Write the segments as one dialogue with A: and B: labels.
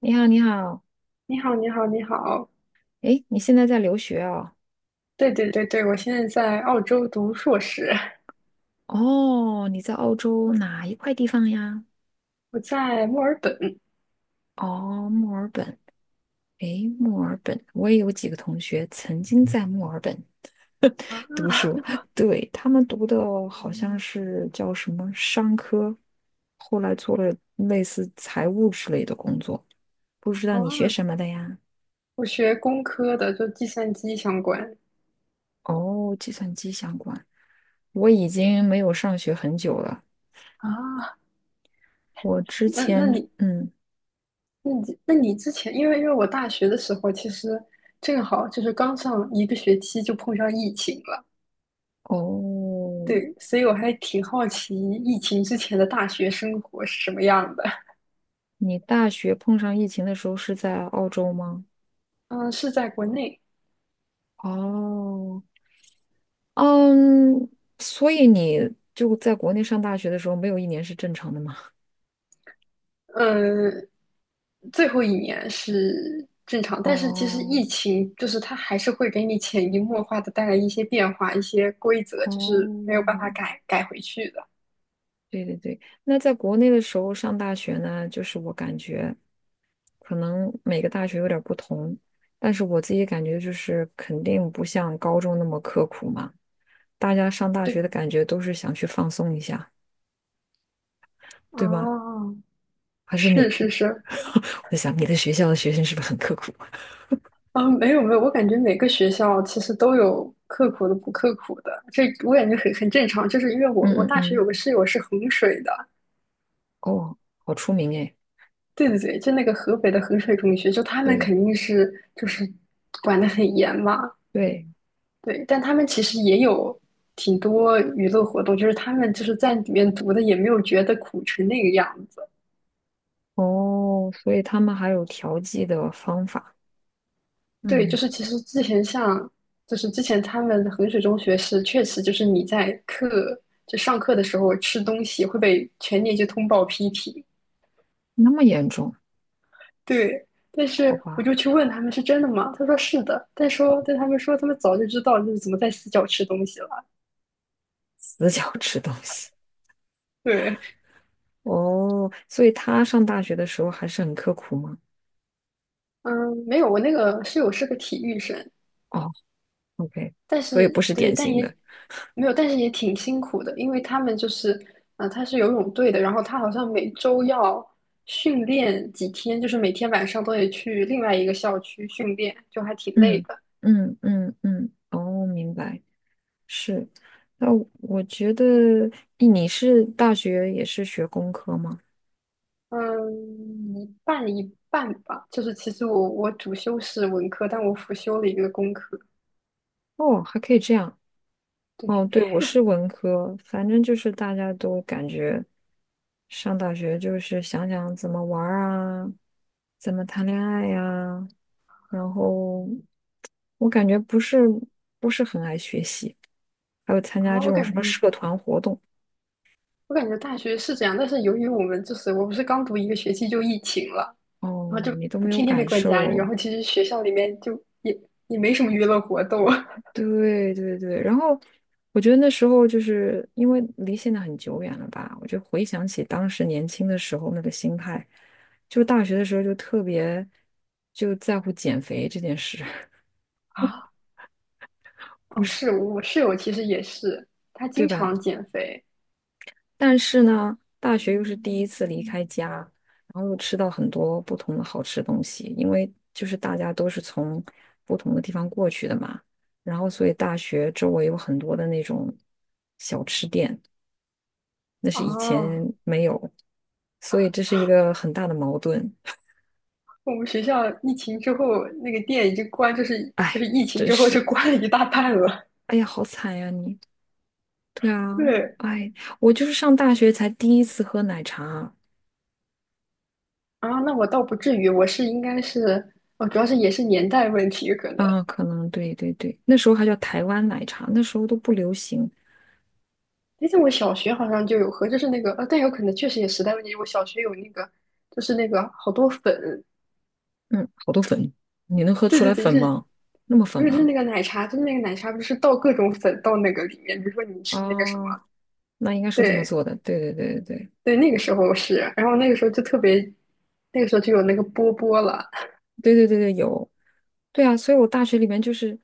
A: 你好，你好，
B: 你好，你好，你好。
A: 诶，你现在在留学哦？
B: 对对对对，我现在在澳洲读硕士，
A: 哦，你在澳洲哪一块地方呀？
B: 我在墨尔本
A: 哦，墨尔本。诶，墨尔本，我也有几个同学曾经在墨尔本
B: 啊。
A: 读书，对，他们读的好像是叫什么商科，后来做了类似财务之类的工作。不知道你学
B: 哦，
A: 什么的呀？
B: 我学工科的，就计算机相关
A: 哦，计算机相关。我已经没有上学很久了。
B: 啊。
A: 我之
B: 那那
A: 前，
B: 你
A: 嗯，
B: 那你之前，因为我大学的时候，其实正好就是刚上一个学期就碰上疫情了。
A: 哦，
B: 对，所以我还挺好奇疫情之前的大学生活是什么样的。
A: 你大学碰上疫情的时候是在澳洲吗？
B: 嗯，是在国内。
A: 哦，嗯，所以你就在国内上大学的时候，没有一年是正常的吗？
B: 嗯，最后一年是正常，但是其实
A: 哦
B: 疫情就是它还是会给你潜移默化的带来一些变化，一些规则，就是没有办法
A: 哦，
B: 改回去的。
A: 对对对，那在国内的时候上大学呢，就是我感觉可能每个大学有点儿不同，但是我自己感觉就是肯定不像高中那么刻苦嘛，大家上大学
B: 对，
A: 的感觉都是想去放松一下，对吗？
B: 哦，
A: 还是
B: 是
A: 你？
B: 是是。
A: 我在想，你的学校的学生是不是很刻苦？
B: 啊，没有没有，我感觉每个学校其实都有刻苦的不刻苦的，这我感觉很正常，就是因为我
A: 嗯嗯
B: 大学
A: 嗯，
B: 有个室友是衡水的。
A: 哦，好出名哎，
B: 对对对，就那个河北的衡水中学，就他们
A: 对
B: 肯定是就是管的很严嘛。
A: 对，
B: 对，但他们其实也有挺多娱乐活动，就是他们就是在里面读的，也没有觉得苦成那个样子。
A: 哦，所以他们还有调剂的方法，
B: 对，就
A: 嗯，
B: 是其实之前像，就是之前他们衡水中学是确实就是你在课就上课的时候吃东西会被全年级通报批评。
A: 那么严重，
B: 对，但
A: 好
B: 是我
A: 吧，
B: 就去问他们是真的吗？他说是的，但他们说他们早就知道就是怎么在死角吃东西了。
A: 死角 吃东西，
B: 对。
A: 哦，所以他上大学的时候还是很刻苦吗？
B: 嗯，没有，我那个室友是个体育生。
A: 哦，OK，
B: 但
A: 所以
B: 是
A: 不是
B: 对，
A: 典
B: 但
A: 型
B: 也
A: 的，
B: 没有，但是也挺辛苦的，因为他们就是，他是游泳队的，然后他好像每周要训练几天，就是每天晚上都得去另外一个校区训练，就还挺累
A: 嗯
B: 的。
A: 嗯嗯嗯，哦，明白，是，那我觉得，咦你是大学也是学工科吗？
B: 嗯，一半一半吧，就是其实我主修是文科，但我辅修了一个工科。
A: 哦，还可以这样。哦，
B: 对。
A: 对，我是文科，反正就是大家都感觉上大学就是想想怎么玩儿啊，怎么谈恋爱呀、然后我感觉不是很爱学习，还有参加
B: 啊，
A: 这
B: 我
A: 种什
B: 感
A: 么
B: 觉
A: 社团活动。
B: 我感觉大学是这样，但是由于我不是刚读一个学期就疫情了。然后
A: 哦，
B: 就
A: 你都没有
B: 天天被
A: 感
B: 关家里，然
A: 受，
B: 后其实学校里面就也也没什么娱乐活动
A: 对对对，然后我觉得那时候就是因为离现在很久远了吧，我就回想起当时年轻的时候那个心态，就大学的时候就特别就在乎减肥这件事，
B: 啊。
A: 不
B: 哦，
A: 是，
B: 是我室友其实也是，她
A: 对
B: 经
A: 吧？
B: 常减肥。
A: 但是呢，大学又是第一次离开家，然后又吃到很多不同的好吃东西，因为就是大家都是从不同的地方过去的嘛，然后所以大学周围有很多的那种小吃店。那是以
B: 哦，
A: 前没有，所以这是一个很大的矛盾。
B: 我们学校疫情之后那个店已经关，就是就
A: 哎，
B: 是疫情
A: 真
B: 之后就
A: 是，
B: 关了一大半了。
A: 哎呀，好惨呀你。对 啊，
B: 对。
A: 哎，我就是上大学才第一次喝奶茶
B: 啊，那我倒不至于，我是应该是，哦，主要是也是年代问题可能。
A: 啊，可能对对对，那时候还叫台湾奶茶，那时候都不流行。
B: 哎，但我小学好像就有喝，就是那个，但有可能确实也时代问题。我小学有那个，就是那个好多粉。
A: 嗯，好多粉，你能喝
B: 对
A: 出
B: 对
A: 来
B: 对，
A: 粉
B: 是，
A: 吗？那么
B: 不
A: 粉
B: 是就是
A: 啊？
B: 那个奶茶，就是那个奶茶，不是倒各种粉到那个里面，比如说你吃那个什
A: 哦，
B: 么。
A: 那应该是这么
B: 对
A: 做的。对对对对对。
B: 对，那个时候是，然后那个时候就特别，那个时候就有那个波波了。
A: 对对对对，有，对啊，所以我大学里面就是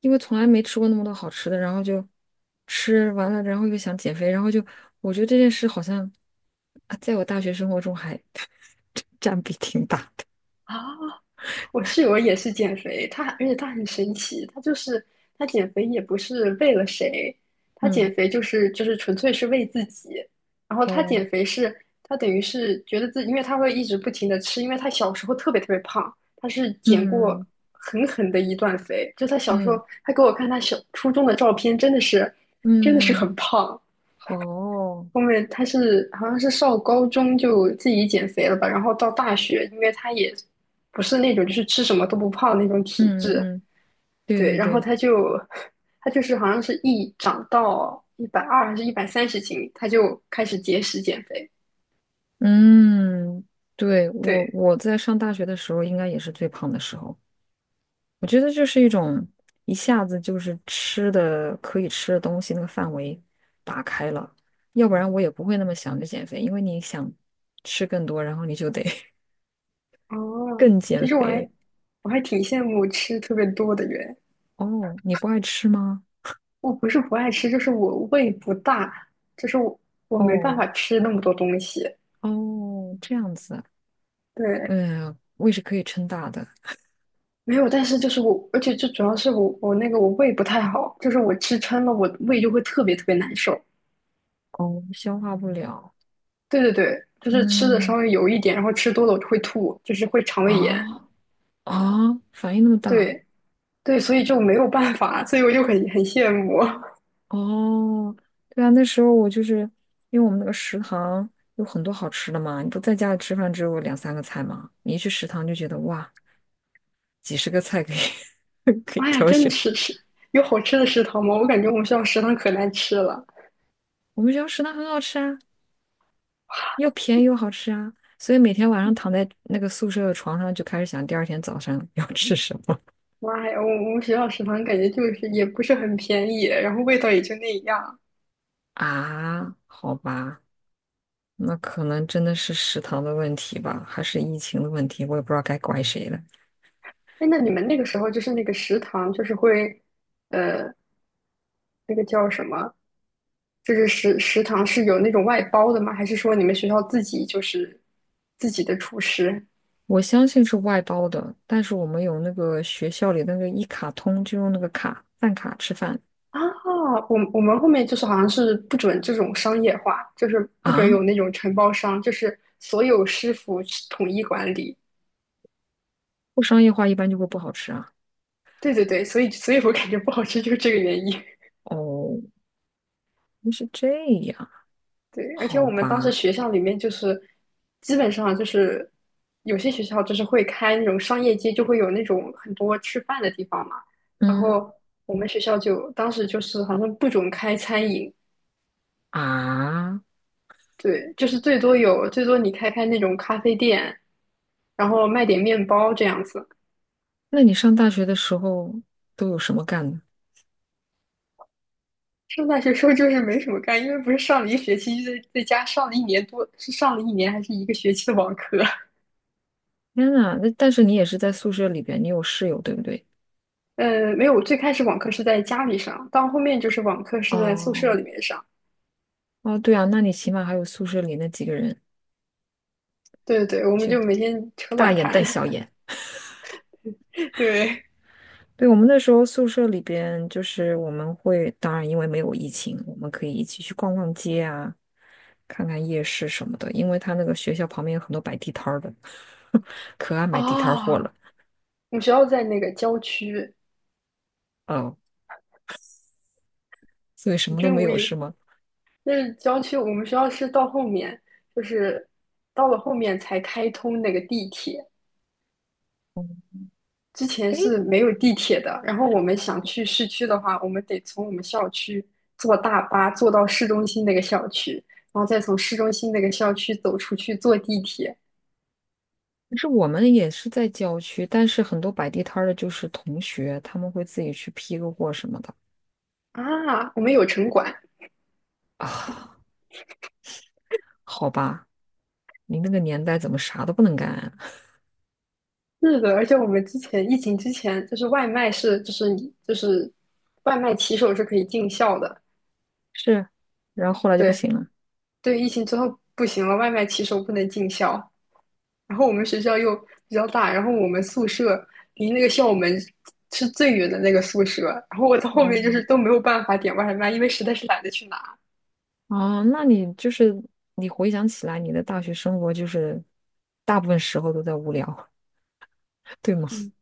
A: 因为从来没吃过那么多好吃的，然后就吃完了，然后又想减肥，然后就我觉得这件事好像啊，在我大学生活中还 占比挺大的。
B: 啊？我室友也是减肥，她而且她很神奇，她就是她减肥也不是为了谁，她
A: 嗯，
B: 减肥就是纯粹是为自己。然后她
A: 哦，
B: 减肥是她等于是觉得自己，因为她会一直不停的吃，因为她小时候特别特别胖，她是减过
A: 嗯
B: 狠狠的一段肥。就她小时候，
A: 嗯
B: 她给我看她小初中的照片，真的是
A: 嗯，
B: 很胖。
A: 好哦，
B: 后面他是好像是上高中就自己减肥了吧，然后到大学，因为他也不是那种就是吃什么都不胖那种
A: 嗯
B: 体
A: 嗯
B: 质。
A: 嗯，对
B: 对，
A: 对
B: 然后
A: 对，
B: 他就是好像是一长到120还是130斤，他就开始节食减肥。
A: 嗯，对，我
B: 对，
A: 我在上大学的时候应该也是最胖的时候。我觉得就是一种一下子就是吃的可以吃的东西那个范围打开了，要不然我也不会那么想着减肥，因为你想吃更多，然后你就得
B: 哦，
A: 更减
B: 其实我
A: 肥。
B: 还我还挺羡慕吃特别多的人。
A: 哦，你不爱吃吗？
B: 我不是不爱吃，就是我胃不大，就是我没办
A: 哦
B: 法吃那么多东西。
A: 哦，这样子，
B: 对，
A: 嗯，胃是可以撑大的，
B: 没有，但是就是我，而且最主要是我我那个我胃不太好，就是我吃撑了，我胃就会特别特别难受。
A: 哦，消化不了，
B: 对对对，就是吃的稍
A: 嗯
B: 微油一点，然后吃多了我就会吐，就是会肠胃炎。
A: 啊啊，反应那么大。
B: 对对，所以就没有办法，所以我就很很羡慕。
A: 哦，对啊，那时候我就是因为我们那个食堂有很多好吃的嘛，你不在家里吃饭只有两三个菜嘛，你一去食堂就觉得哇，几十个菜可以 可以
B: 妈呀，
A: 挑
B: 真的
A: 选。
B: 是吃有好吃的食堂吗？我感觉我们学校食堂可难吃了。
A: 我们学校食堂很好吃啊，又便宜又好吃啊，所以每天晚上躺在那个宿舍的床上就开始想第二天早上要吃什么
B: 妈呀，我们学校食堂感觉就是也不是很便宜，然后味道也就那样。
A: 啊？好吧，那可能真的是食堂的问题吧，还是疫情的问题，我也不知道该怪谁了。
B: 哎，那你们那个时候就是那个食堂就是会，呃，那个叫什么？就是食堂是有那种外包的吗？还是说你们学校自己就是自己的厨师
A: 我相信是外包的，但是我们有那个学校里那个一卡通，就用那个卡饭卡吃饭
B: 啊？我们后面就是好像是不准这种商业化，就是不准
A: 啊，
B: 有那种承包商，就是所有师傅统一管理。
A: 不商业化一般就会不好吃啊。
B: 对对对，所以我感觉不好吃就是这个原因。
A: 哦，原来是这样，
B: 对，而且
A: 好
B: 我们当时
A: 吧，
B: 学校里面就是基本上就是有些学校就是会开那种商业街，就会有那种很多吃饭的地方嘛。然
A: 嗯
B: 后我们学校就当时就是好像不准开餐饮。
A: 啊，
B: 对，就是最多有最多你开开那种咖啡店，然后卖点面包这样子。
A: 那你上大学的时候都有什么干的？
B: 上大学时候就是没什么干，因为不是上了一学期，就在家上了一年多，是上了一年还是一个学期的网课。
A: 天呐，那但是你也是在宿舍里边，你有室友对不对？
B: 没有，我最开始网课是在家里上，到后面就是网课是在宿舍
A: 哦
B: 里面上。
A: 哦，对啊，那你起码还有宿舍里那几个人，
B: 对对对，我们
A: 就
B: 就每天扯
A: 大
B: 卵
A: 眼
B: 谈。
A: 瞪小眼。
B: 对。
A: 对，我们那时候宿舍里边，就是我们会，当然因为没有疫情，我们可以一起去逛逛街啊，看看夜市什么的。因为他那个学校旁边有很多摆地摊儿的，可爱买地摊儿货
B: 啊，我
A: 了。
B: 们学校在那个郊区。
A: 哦，所以什
B: 你
A: 么都
B: 真
A: 没
B: 无
A: 有是
B: 语。
A: 吗？
B: 那是郊区，我们学校是到后面，就是到了后面才开通那个地铁，之前
A: 诶，
B: 是没有地铁的。然后我们想去市区的话，我们得从我们校区坐大巴坐到市中心那个校区，然后再从市中心那个校区走出去坐地铁。
A: 可是我们也是在郊区，但是很多摆地摊儿的就是同学，他们会自己去批个货什么的
B: 啊，我们有城管。
A: 啊。好吧，你那个年代怎么啥都不能干啊？
B: 是的，而且我们之前疫情之前，就是外卖是，就是你就是外卖骑手是可以进校的。
A: 是，然后后来就不
B: 对
A: 行了。
B: 对，疫情之后不行了，外卖骑手不能进校。然后我们学校又比较大，然后我们宿舍离那个校门是最远的那个宿舍，然后我到后面就是
A: 哦。
B: 都没有办法点外卖，因为实在是懒得去拿。
A: 哦，那你就是你回想起来，你的大学生活就是大部分时候都在无聊，对吗？
B: 嗯，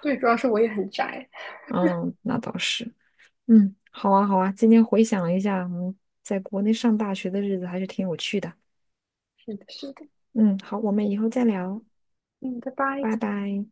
B: 对，主要是我也很宅。
A: 嗯，那倒是。嗯，好啊，好啊。今天回想了一下，嗯，在国内上大学的日子还是挺有趣的。
B: 是的，是的。
A: 嗯，好，我们以后再聊，
B: 嗯，拜拜。
A: 拜拜。